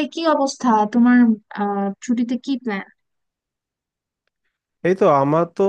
এই কি অবস্থা তোমার? ছুটিতে কি প্ল্যান? এই তো আমার তো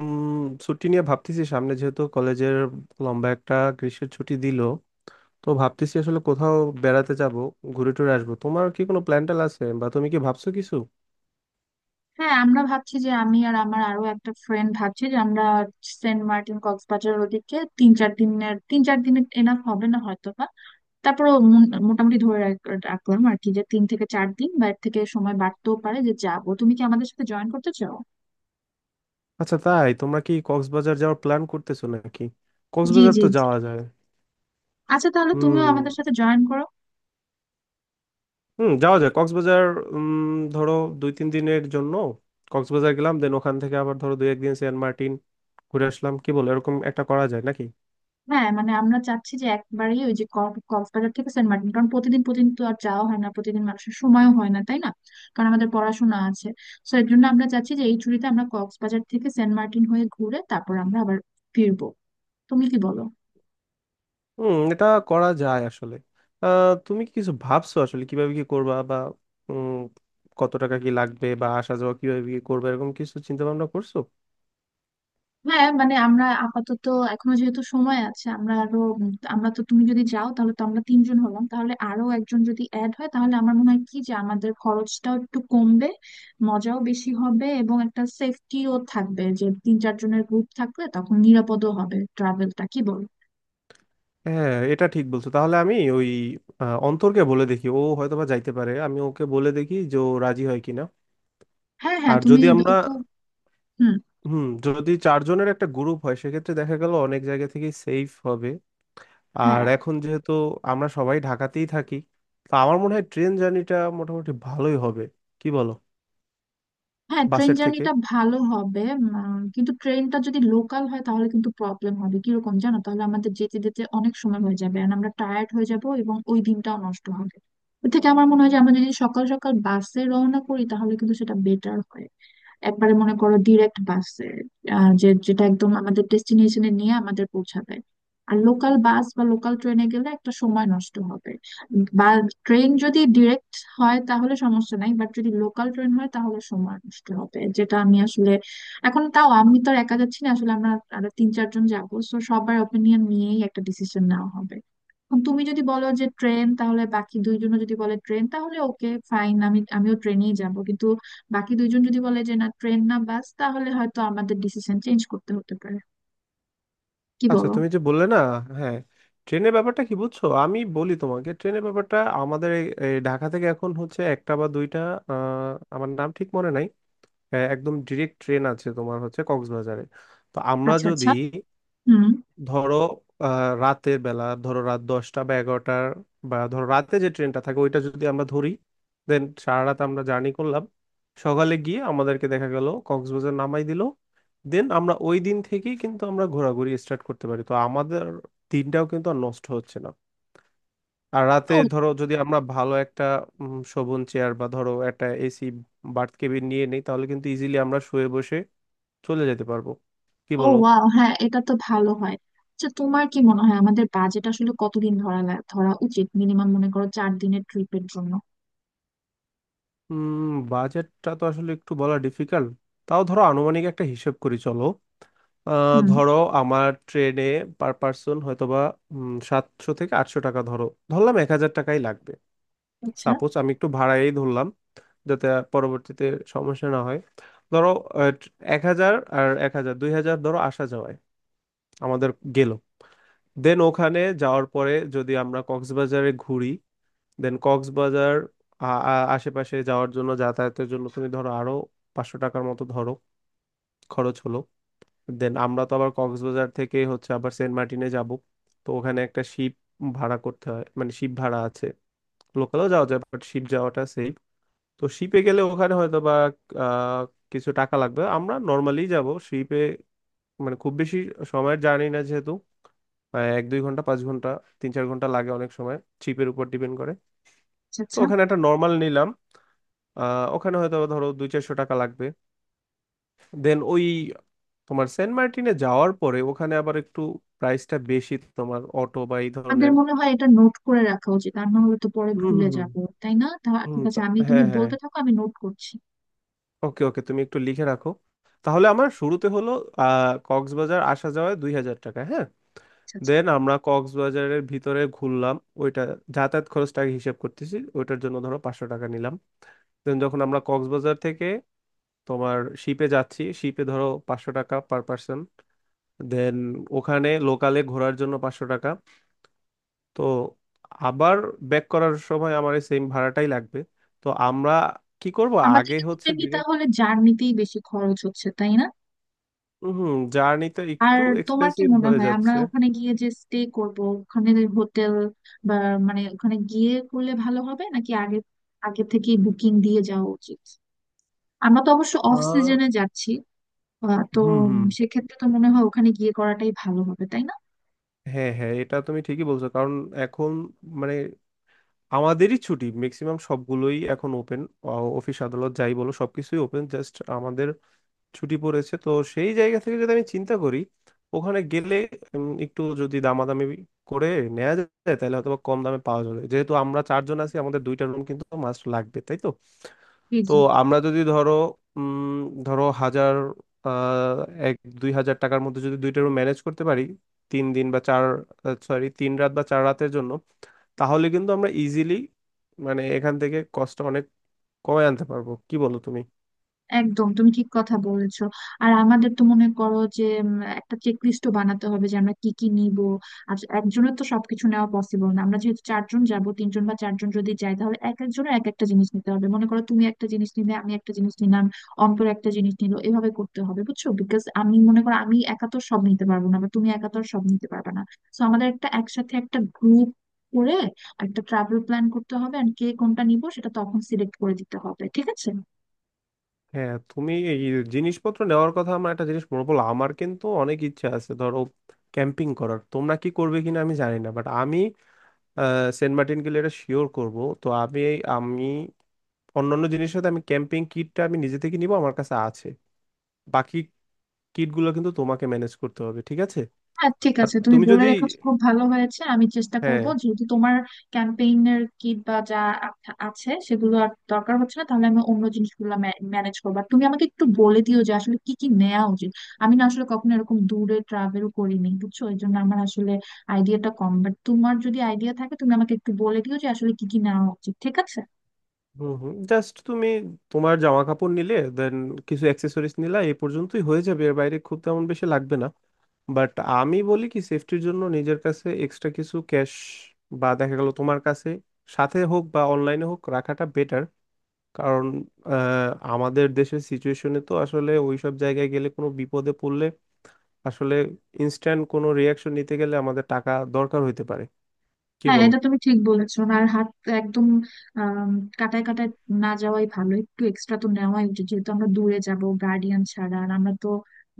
উম, ছুটি নিয়ে ভাবতেছি, সামনে যেহেতু কলেজের লম্বা একটা গ্রীষ্মের ছুটি দিল। তো ভাবতেছি আসলে কোথাও বেড়াতে যাব, ঘুরে টুরে আসবো। তোমার কি কোনো প্ল্যান ট্যান আছে, বা তুমি কি ভাবছো কিছু? হ্যাঁ, আমরা ভাবছি যে আমি আর আমার আরো একটা ফ্রেন্ড ভাবছি যে আমরা সেন্ট মার্টিন কক্সবাজার ওদিকে তিন চার দিনের এনাফ হবে না হয়তো বা। তারপরে মোটামুটি ধরে রাখলাম আর কি, যে তিন থেকে চার দিন বা এর থেকে সময় বাড়তেও পারে যে যাবো। তুমি কি আমাদের সাথে জয়েন করতে চাও? আচ্ছা, তাই? তোমরা কি কক্সবাজার যাওয়ার প্ল্যান করতেছো নাকি? জি, কক্সবাজার জি, তো জি। যাওয়া যায়। আচ্ছা, তাহলে তুমিও হুম। আমাদের সাথে জয়েন করো। হুম, যাওয়া যায় কক্সবাজার। ধরো দুই তিন দিনের জন্য কক্সবাজার গেলাম, দেন ওখান থেকে আবার ধরো দুই একদিন সেন্ট মার্টিন ঘুরে আসলাম। কি বলো, এরকম একটা করা যায় নাকি? হ্যাঁ মানে আমরা চাচ্ছি যে একবারেই ওই যে কক্সবাজার থেকে সেন্ট মার্টিন, কারণ প্রতিদিন প্রতিদিন তো আর যাওয়া হয় না, প্রতিদিন মানুষের সময়ও হয় না, তাই না? কারণ আমাদের পড়াশোনা আছে। তো এর জন্য আমরা চাচ্ছি যে এই ছুটিতে আমরা কক্সবাজার থেকে সেন্ট মার্টিন হয়ে ঘুরে তারপর আমরা আবার ফিরবো। তুমি কি বলো? হুম, এটা করা যায় আসলে। তুমি কি কিছু ভাবছো আসলে, কিভাবে কি করবা, বা উম, কত টাকা কি লাগবে, বা আসা যাওয়া কিভাবে কি করবে, এরকম কিছু চিন্তা ভাবনা করছো? হ্যাঁ মানে আমরা আপাতত এখনো যেহেতু সময় আছে, আমরা আরো আমরা তো, তুমি যদি যাও তাহলে তো আমরা তিনজন হলাম, তাহলে আরো একজন যদি অ্যাড হয় তাহলে আমার মনে হয় কি যে আমাদের খরচটাও একটু কমবে, মজাও বেশি হবে এবং একটা সেফটিও থাকবে। যে তিন চারজনের গ্রুপ থাকলে তখন নিরাপদও হবে ট্রাভেলটা, কি বল? হ্যাঁ, এটা ঠিক বলছো। তাহলে আমি ওই অন্তরকে বলে দেখি, ও হয়তোবা যাইতে পারে। আমি ওকে বলে দেখি যে ও রাজি হয় কিনা। হ্যাঁ, হ্যাঁ, আর তুমি। যদি আমরা, তো হুম। হুম, যদি চারজনের একটা গ্রুপ হয় সেক্ষেত্রে দেখা গেল অনেক জায়গা থেকেই সেফ হবে। আর হ্যাঁ, এখন যেহেতু আমরা সবাই ঢাকাতেই থাকি, তো আমার মনে হয় ট্রেন জার্নিটা মোটামুটি ভালোই হবে, কি বলো? হ্যাঁ, ট্রেন বাসের থেকে। জার্নিটা ভালো হবে। কিন্তু ট্রেনটা যদি লোকাল হয় তাহলে কিন্তু প্রবলেম হবে। কিরকম জানো? তাহলে আমাদের যেতে যেতে অনেক সময় হয়ে যাবে আর আমরা টায়ার্ড হয়ে যাব এবং ওই দিনটাও নষ্ট হবে। ওর থেকে আমার মনে হয় যে আমরা যদি সকাল সকাল বাসে রওনা করি তাহলে কিন্তু সেটা বেটার হয়। একবারে মনে করো ডিরেক্ট বাসে, যে যেটা একদম আমাদের ডেস্টিনেশনে নিয়ে আমাদের পৌঁছাবে। আর লোকাল বাস বা লোকাল ট্রেনে গেলে একটা সময় নষ্ট হবে। বা ট্রেন যদি ডিরেক্ট হয় তাহলে সমস্যা নাই, বাট যদি লোকাল ট্রেন হয় তাহলে সময় নষ্ট হবে, যেটা আমি আসলে। এখন তাও আমি তো আর একা যাচ্ছি না, আসলে আমরা আরো তিন চারজন যাবো, তো সবার ওপিনিয়ন নিয়েই একটা ডিসিশন নেওয়া হবে। এখন তুমি যদি বলো যে ট্রেন, তাহলে বাকি দুইজনও যদি বলে ট্রেন তাহলে ওকে ফাইন, আমি আমিও ট্রেনেই যাব। কিন্তু বাকি দুইজন যদি বলে যে না ট্রেন না বাস, তাহলে হয়তো আমাদের ডিসিশন চেঞ্জ করতে হতে পারে। কি আচ্ছা, বলো? তুমি যে বললে না। হ্যাঁ, ট্রেনের ব্যাপারটা কি বুঝছো, আমি বলি তোমাকে ট্রেনের ব্যাপারটা। আমাদের এই ঢাকা থেকে এখন হচ্ছে একটা বা দুইটা, আমার নাম ঠিক মনে নাই, একদম ডিরেক্ট ট্রেন আছে তোমার হচ্ছে কক্সবাজারে। তো আমরা আচ্ছা, যদি আচ্ছা। হুম। ধরো রাতের বেলা, ধরো রাত 10টা বা 11টার, বা ধরো রাতে যে ট্রেনটা থাকে ওইটা যদি আমরা ধরি, দেন সারা রাত আমরা জার্নি করলাম, সকালে গিয়ে আমাদেরকে দেখা গেল কক্সবাজার নামাই দিল। দেন আমরা ওই দিন থেকেই কিন্তু আমরা ঘোরাঘুরি স্টার্ট করতে পারি, তো আমাদের দিনটাও কিন্তু আর নষ্ট হচ্ছে না। আর রাতে ও, ধরো যদি আমরা ভালো একটা শোভন চেয়ার বা ধরো একটা এসি বার্থ কেবিন নিয়ে নিই, তাহলে কিন্তু ইজিলি আমরা শুয়ে বসে চলে যেতে পারবো, কি ও, বলো? ওয়াও, হ্যাঁ, এটা তো ভালো হয়। আচ্ছা, তোমার কি মনে হয় আমাদের বাজেট আসলে কতদিন ধরা ধরা উচিত মিনিমাম, মনে করো চার দিনের ট্রিপের জন্য? বাজেটটা তো আসলে একটু বলা ডিফিকাল্ট। তাও ধরো আনুমানিক একটা হিসেব করি, চলো। হুম। ধরো আমার ট্রেনে পার পার্সন হয়তোবা, বা 700 থেকে 800 টাকা, ধরো ধরলাম 1000 টাকাই লাগবে। আচ্ছা। সাপোজ আমি একটু ভাড়াই ধরলাম, যাতে পরবর্তীতে সমস্যা না হয়। ধরো, আহ, 1000 আর 1000 2000 ধরো আসা যাওয়ায় আমাদের গেল। দেন ওখানে যাওয়ার পরে যদি আমরা কক্সবাজারে ঘুরি, দেন কক্সবাজার আ- আশেপাশে যাওয়ার জন্য, যাতায়াতের জন্য, তুমি ধরো আরো 500 টাকার মতো ধরো খরচ হলো। দেন আমরা তো আবার কক্সবাজার থেকে হচ্ছে আবার সেন্ট মার্টিনে যাব, তো ওখানে একটা শিপ ভাড়া করতে হয়, মানে শিপ ভাড়া আছে। লোকালও যাওয়া যায়, বাট শিপ যাওয়াটা সেফ। তো শিপে গেলে ওখানে হয়তো বা আহ, কিছু টাকা লাগবে। আমরা নর্মালি যাব শিপে, মানে খুব বেশি সময়ের জানি না, যেহেতু 1-2 ঘন্টা, 5 ঘন্টা, 3-4 ঘন্টা লাগে অনেক সময়, শিপের উপর ডিপেন্ড করে। আচ্ছা, তো আচ্ছা, ওখানে একটা নর্মাল নিলাম, ওখানে হয়তো আবার ধরো 2-400 টাকা লাগবে। দেন ওই, তোমার সেন্ট মার্টিনে যাওয়ার পরে ওখানে আবার একটু প্রাইসটা বেশি, তোমার অটো বা এই আমাদের ধরনের। মনে হয় এটা নোট করে রাখা উচিত, আর না হলে তো পরে হুম হুম ভুলে হুম। যাবো, তাই না? তা হুম ঠিক আছে, আমি, তুমি হ্যাঁ, হ্যাঁ, বলতে থাকো আমি নোট করছি। ওকে, ওকে, তুমি একটু লিখে রাখো। তাহলে আমার শুরুতে হলো কক্সবাজার আসা যাওয়ায় 2000 টাকা, হ্যাঁ। আচ্ছা, আচ্ছা। দেন আমরা কক্সবাজারের ভিতরে ঘুরলাম, ওইটা যাতায়াত খরচটাকে হিসেব করতেছি, ওইটার জন্য ধরো 500 টাকা নিলাম। দেন যখন আমরা কক্সবাজার থেকে তোমার শিপে যাচ্ছি, শিপে ধরো 500 টাকা পার পার্সন। দেন ওখানে লোকালে ঘোরার জন্য 500 টাকা। তো আবার ব্যাক করার সময় আমার এই সেম ভাড়াটাই লাগবে। তো আমরা কি করব, আমাদের আগে কিন্তু হচ্ছে মেনলি ডিরেক্ট। তাহলে জার্নিতেই বেশি খরচ হচ্ছে, তাই না? হুম, জার্নিটা আর একটু তোমার কি এক্সপেন্সিভ মনে হয়ে হয়, আমরা যাচ্ছে। ওখানে গিয়ে যে স্টে করব, ওখানে হোটেল বা, মানে ওখানে গিয়ে করলে ভালো হবে নাকি আগে আগে থেকে বুকিং দিয়ে যাওয়া উচিত? আমরা তো অবশ্য অফ আহ, সিজনে যাচ্ছি। তো হুম হুম। সেক্ষেত্রে তো মনে হয় ওখানে গিয়ে করাটাই ভালো হবে, তাই না? হ্যাঁ, হ্যাঁ, এটা তুমি ঠিকই বলছো, কারণ এখন মানে আমাদেরই ছুটি, ম্যাক্সিমাম সবগুলোই এখন ওপেন। অফিস আদালত যাই বলো, সবকিছুই ওপেন, জাস্ট আমাদের ছুটি পড়েছে। তো সেই জায়গা থেকে যদি আমি চিন্তা করি, ওখানে গেলে একটু যদি দামাদামি করে নেওয়া যায় তাহলে হয়তো বা কম দামে পাওয়া যাবে, যেহেতু আমরা চারজন আছি, আমাদের দুইটা রুম কিন্তু মাস্ট লাগবে, তাই তো। জি, তো জি। আমরা যদি ধরো উম ধরো হাজার আহ 1-2000 টাকার মধ্যে যদি দুইটা রুম ম্যানেজ করতে পারি তিন দিন বা চার, সরি, তিন রাত বা চার রাতের জন্য, তাহলে কিন্তু আমরা ইজিলি, মানে এখান থেকে কষ্ট অনেক কমে আনতে পারবো, কি বলো তুমি? একদম, তুমি ঠিক কথা বলেছো। আর আমাদের তো মনে করো যে একটা চেক লিস্টও বানাতে হবে যে আমরা কি কি নিব। আর একজনের তো সবকিছু নেওয়া পসিবল না, আমরা যেহেতু চারজন যাব, তিনজন বা চারজন যদি যাই তাহলে এক একজনের এক একটা জিনিস নিতে হবে। মনে করো তুমি একটা জিনিস নিলে, আমি একটা জিনিস নিলাম, অন্তর একটা জিনিস নিলো, এভাবে করতে হবে, বুঝছো? বিকজ আমি মনে করো আমি একা তো সব নিতে পারবো না, বা তুমি একা তো আর সব নিতে পারবে না। তো আমাদের একটা একসাথে একটা গ্রুপ করে একটা ট্রাভেল প্ল্যান করতে হবে, আর কে কোনটা নিব সেটা তখন সিলেক্ট করে দিতে হবে, ঠিক আছে? হ্যাঁ, তুমি এই জিনিসপত্র নেওয়ার কথা, আমার একটা জিনিস মনে পড়লো। আমার কিন্তু অনেক ইচ্ছা আছে, ধরো ক্যাম্পিং করার। তোমরা কি করবে কিনা আমি জানি না, বাট আমি সেন্ট মার্টিন গেলে এটা শিওর করব। তো আমি, আমি অন্যান্য জিনিসের সাথে আমি ক্যাম্পিং কিটটা আমি নিজে থেকে নিব, আমার কাছে আছে। বাকি কিটগুলো কিন্তু তোমাকে ম্যানেজ করতে হবে, ঠিক আছে? হ্যাঁ, ঠিক আর আছে, তুমি তুমি বলে যদি, রেখেছো খুব ভালো হয়েছে। আমি চেষ্টা করব, হ্যাঁ। যেহেতু তোমার ক্যাম্পেইনের কিট বা যা আ- আছে সেগুলো আর দরকার হচ্ছে না, তাহলে আমি অন্য জিনিসগুলো ম্যানেজ করবো। আর তুমি আমাকে একটু বলে দিও যে আসলে কি কি নেওয়া উচিত। আমি না আসলে কখনো এরকম দূরে ট্রাভেল করিনি, বুঝছো, এই জন্য আমার আসলে আইডিয়াটা কম। বাট তোমার যদি আইডিয়া থাকে তুমি আমাকে একটু বলে দিও যে আসলে কি কি নেওয়া উচিত, ঠিক আছে? হুম হুম, জাস্ট তুমি তোমার জামা কাপড় নিলে, দেন কিছু অ্যাক্সেসরিজ নিলে, এই পর্যন্তই হয়ে যাবে, এর বাইরে খুব তেমন বেশি লাগবে না। বাট আমি বলি কি, সেফটির জন্য নিজের কাছে এক্সট্রা কিছু ক্যাশ, বা দেখা গেল তোমার কাছে সাথে হোক বা অনলাইনে হোক রাখাটা বেটার, কারণ আহ, আমাদের দেশের সিচুয়েশনে তো আসলে ওই সব জায়গায় গেলে কোনো বিপদে পড়লে আসলে ইনস্ট্যান্ট কোনো রিয়াকশন নিতে গেলে আমাদের টাকা দরকার হইতে পারে, কি হ্যাঁ বলো? এটা তুমি ঠিক বলেছো। আর হাত একদম আম, কাটায় কাটায় না যাওয়াই ভালো, একটু এক্সট্রা তো নেওয়াই উচিত, যেহেতু আমরা দূরে যাব গার্ডিয়ান ছাড়া, আর আমরা তো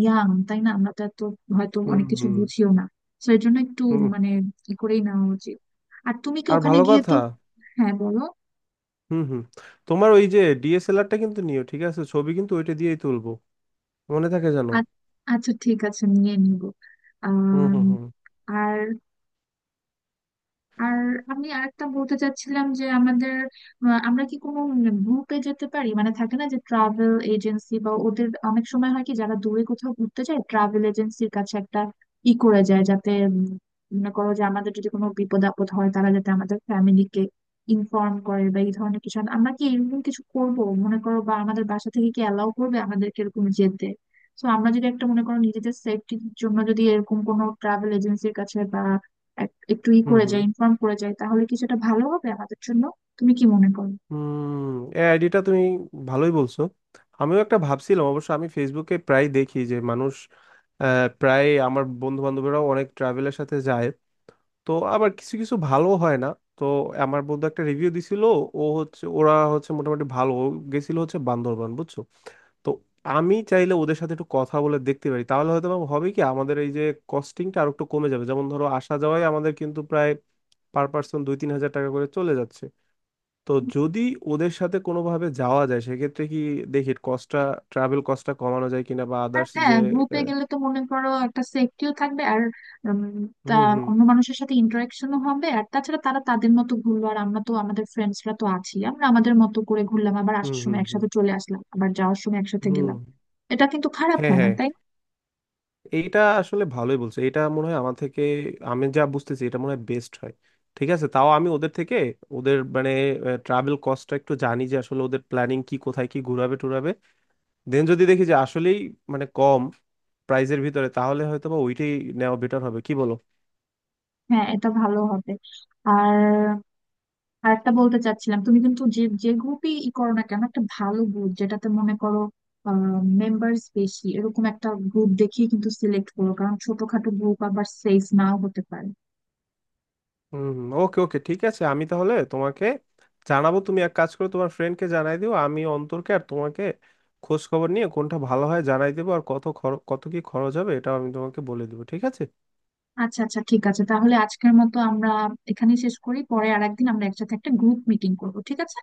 ইয়াং, তাই না? আমরা তো এত হয়তো হুম অনেক কিছু হুম বুঝিও না। তো এর জন্য একটু হুম। মানে ই করেই নেওয়া উচিত। আর তুমি কি আর ওখানে ভালো গিয়ে তো, কথা। হ্যাঁ বলো। হুম হুম, তোমার ওই যে DSLRটা কিন্তু নিও, ঠিক আছে? ছবি কিন্তু ওইটা দিয়েই তুলবো, মনে থাকে, জানো? আ- আচ্ছা, ঠিক আছে, নিয়ে নিব। হুম আহ হুম হুম। আর আর আমি আরেকটা বলতে চাচ্ছিলাম যে আমাদের আমরা কি কোনো গ্রুপে যেতে পারি? মানে থাকে না যে ট্রাভেল এজেন্সি বা, ওদের অনেক সময় হয় কি, যারা দূরে কোথাও ঘুরতে যায়, ট্রাভেল এজেন্সির কাছে একটা ই করে যায় যাতে মনে করো যে আমাদের যদি কোনো বিপদ আপদ হয় তারা যাতে আমাদের ফ্যামিলিকে ইনফর্ম করে, বা এই ধরনের কিছু। আমরা কি এরকম কিছু করব, মনে করো? বা আমাদের বাসা থেকে কি অ্যালাউ করবে আমাদেরকে এরকম যেতে? তো আমরা যদি একটা, মনে করো নিজেদের সেফটির জন্য যদি এরকম কোনো ট্রাভেল এজেন্সির কাছে বা একটু ই হুম করে হুম যাই, ইনফর্ম করে যাই, তাহলে কিছুটা ভালো হবে আমাদের জন্য। তুমি কি মনে করো? হুম, এই আইডিটা তুমি ভালোই বলছো, আমিও একটা ভাবছিলাম। অবশ্য আমি ফেসবুকে প্রায় দেখি যে মানুষ, প্রায় আমার বন্ধু বান্ধবরাও অনেক ট্রাভেলের সাথে যায়। তো আবার কিছু কিছু ভালো হয় না। তো আমার বন্ধু একটা রিভিউ দিছিল, ও হচ্ছে, ওরা হচ্ছে মোটামুটি ভালো। ও গেছিল হচ্ছে বান্দরবান, বুঝছো? তো আমি চাইলে ওদের সাথে একটু কথা বলে দেখতে পারি, তাহলে হয়তো বা হবে কি, আমাদের এই যে কস্টিংটা আর একটু কমে যাবে। যেমন ধরো আসা যাওয়ায় আমাদের কিন্তু প্রায় পার পার্সন 2-3000 টাকা করে চলে যাচ্ছে। তো যদি ওদের সাথে কোনোভাবে যাওয়া যায়, সেক্ষেত্রে কি দেখি কস্টটা, ট্রাভেল কস্টটা কমানো যায় কিনা, বা আর আদার্স হ্যাঁ, যে গ্রুপে আহ, গেলে তো মনে করো একটা সেফটিও থাকবে। আর উম, তা হুম হুম অন্য মানুষের সাথে ইন্টারাকশনও হবে। আর তাছাড়া তারা তাদের মতো ঘুরলো, আর আমরা তো আমাদের ফ্রেন্ডসরা তো আছি, আমরা আমাদের মতো করে ঘুরলাম, আবার হুম আসার হুম সময় হুম একসাথে চলে আসলাম, আবার যাওয়ার সময় একসাথে হুম। গেলাম। এটা কিন্তু খারাপ হ্যাঁ, হয় না, হ্যাঁ, তাই না? এইটা আসলে ভালোই বলছো, এটা মনে হয় আমার থেকে, আমি যা বুঝতেছি, এটা মনে হয় বেস্ট হয়। ঠিক আছে, তাও আমি ওদের থেকে, ওদের মানে ট্রাভেল কস্টটা একটু জানি, যে আসলে ওদের প্ল্যানিং কি, কোথায় কি ঘুরাবে টুরাবে, দেন যদি দেখি যে আসলেই মানে কম প্রাইজের ভিতরে, তাহলে হয়তো বা ওইটাই নেওয়া বেটার হবে, কি বলো? হ্যাঁ, এটা ভালো হবে। আর আর একটা বলতে চাচ্ছিলাম, তুমি কিন্তু যে যে গ্রুপই ই করো না কেন, একটা ভালো গ্রুপ, যেটাতে মনে করো মেম্বার্স বেশি, এরকম একটা গ্রুপ দেখিয়ে কিন্তু সিলেক্ট করো, কারণ ছোটখাটো গ্রুপ আবার সেফ নাও হতে পারে। হুম, ওকে, ওকে, ঠিক আছে, আমি তাহলে তোমাকে জানাবো। তুমি এক কাজ করে তোমার ফ্রেন্ডকে জানাই দিও, আমি অন্তরকে আর তোমাকে খোঁজ খবর নিয়ে কোনটা ভালো হয় জানাই দেবো। আর কত কি খরচ হবে এটাও আমি তোমাকে বলে দেবো, ঠিক আছে? আচ্ছা, আচ্ছা, ঠিক আছে, তাহলে আজকের মতো আমরা এখানেই শেষ করি, পরে আর একদিন আমরা একসাথে একটা গ্রুপ মিটিং করবো, ঠিক আছে?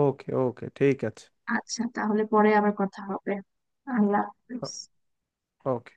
ওকে, ওকে, ঠিক আছে। আচ্ছা, তাহলে পরে আবার কথা হবে। আল্লাহ হাফেজ। ওকে.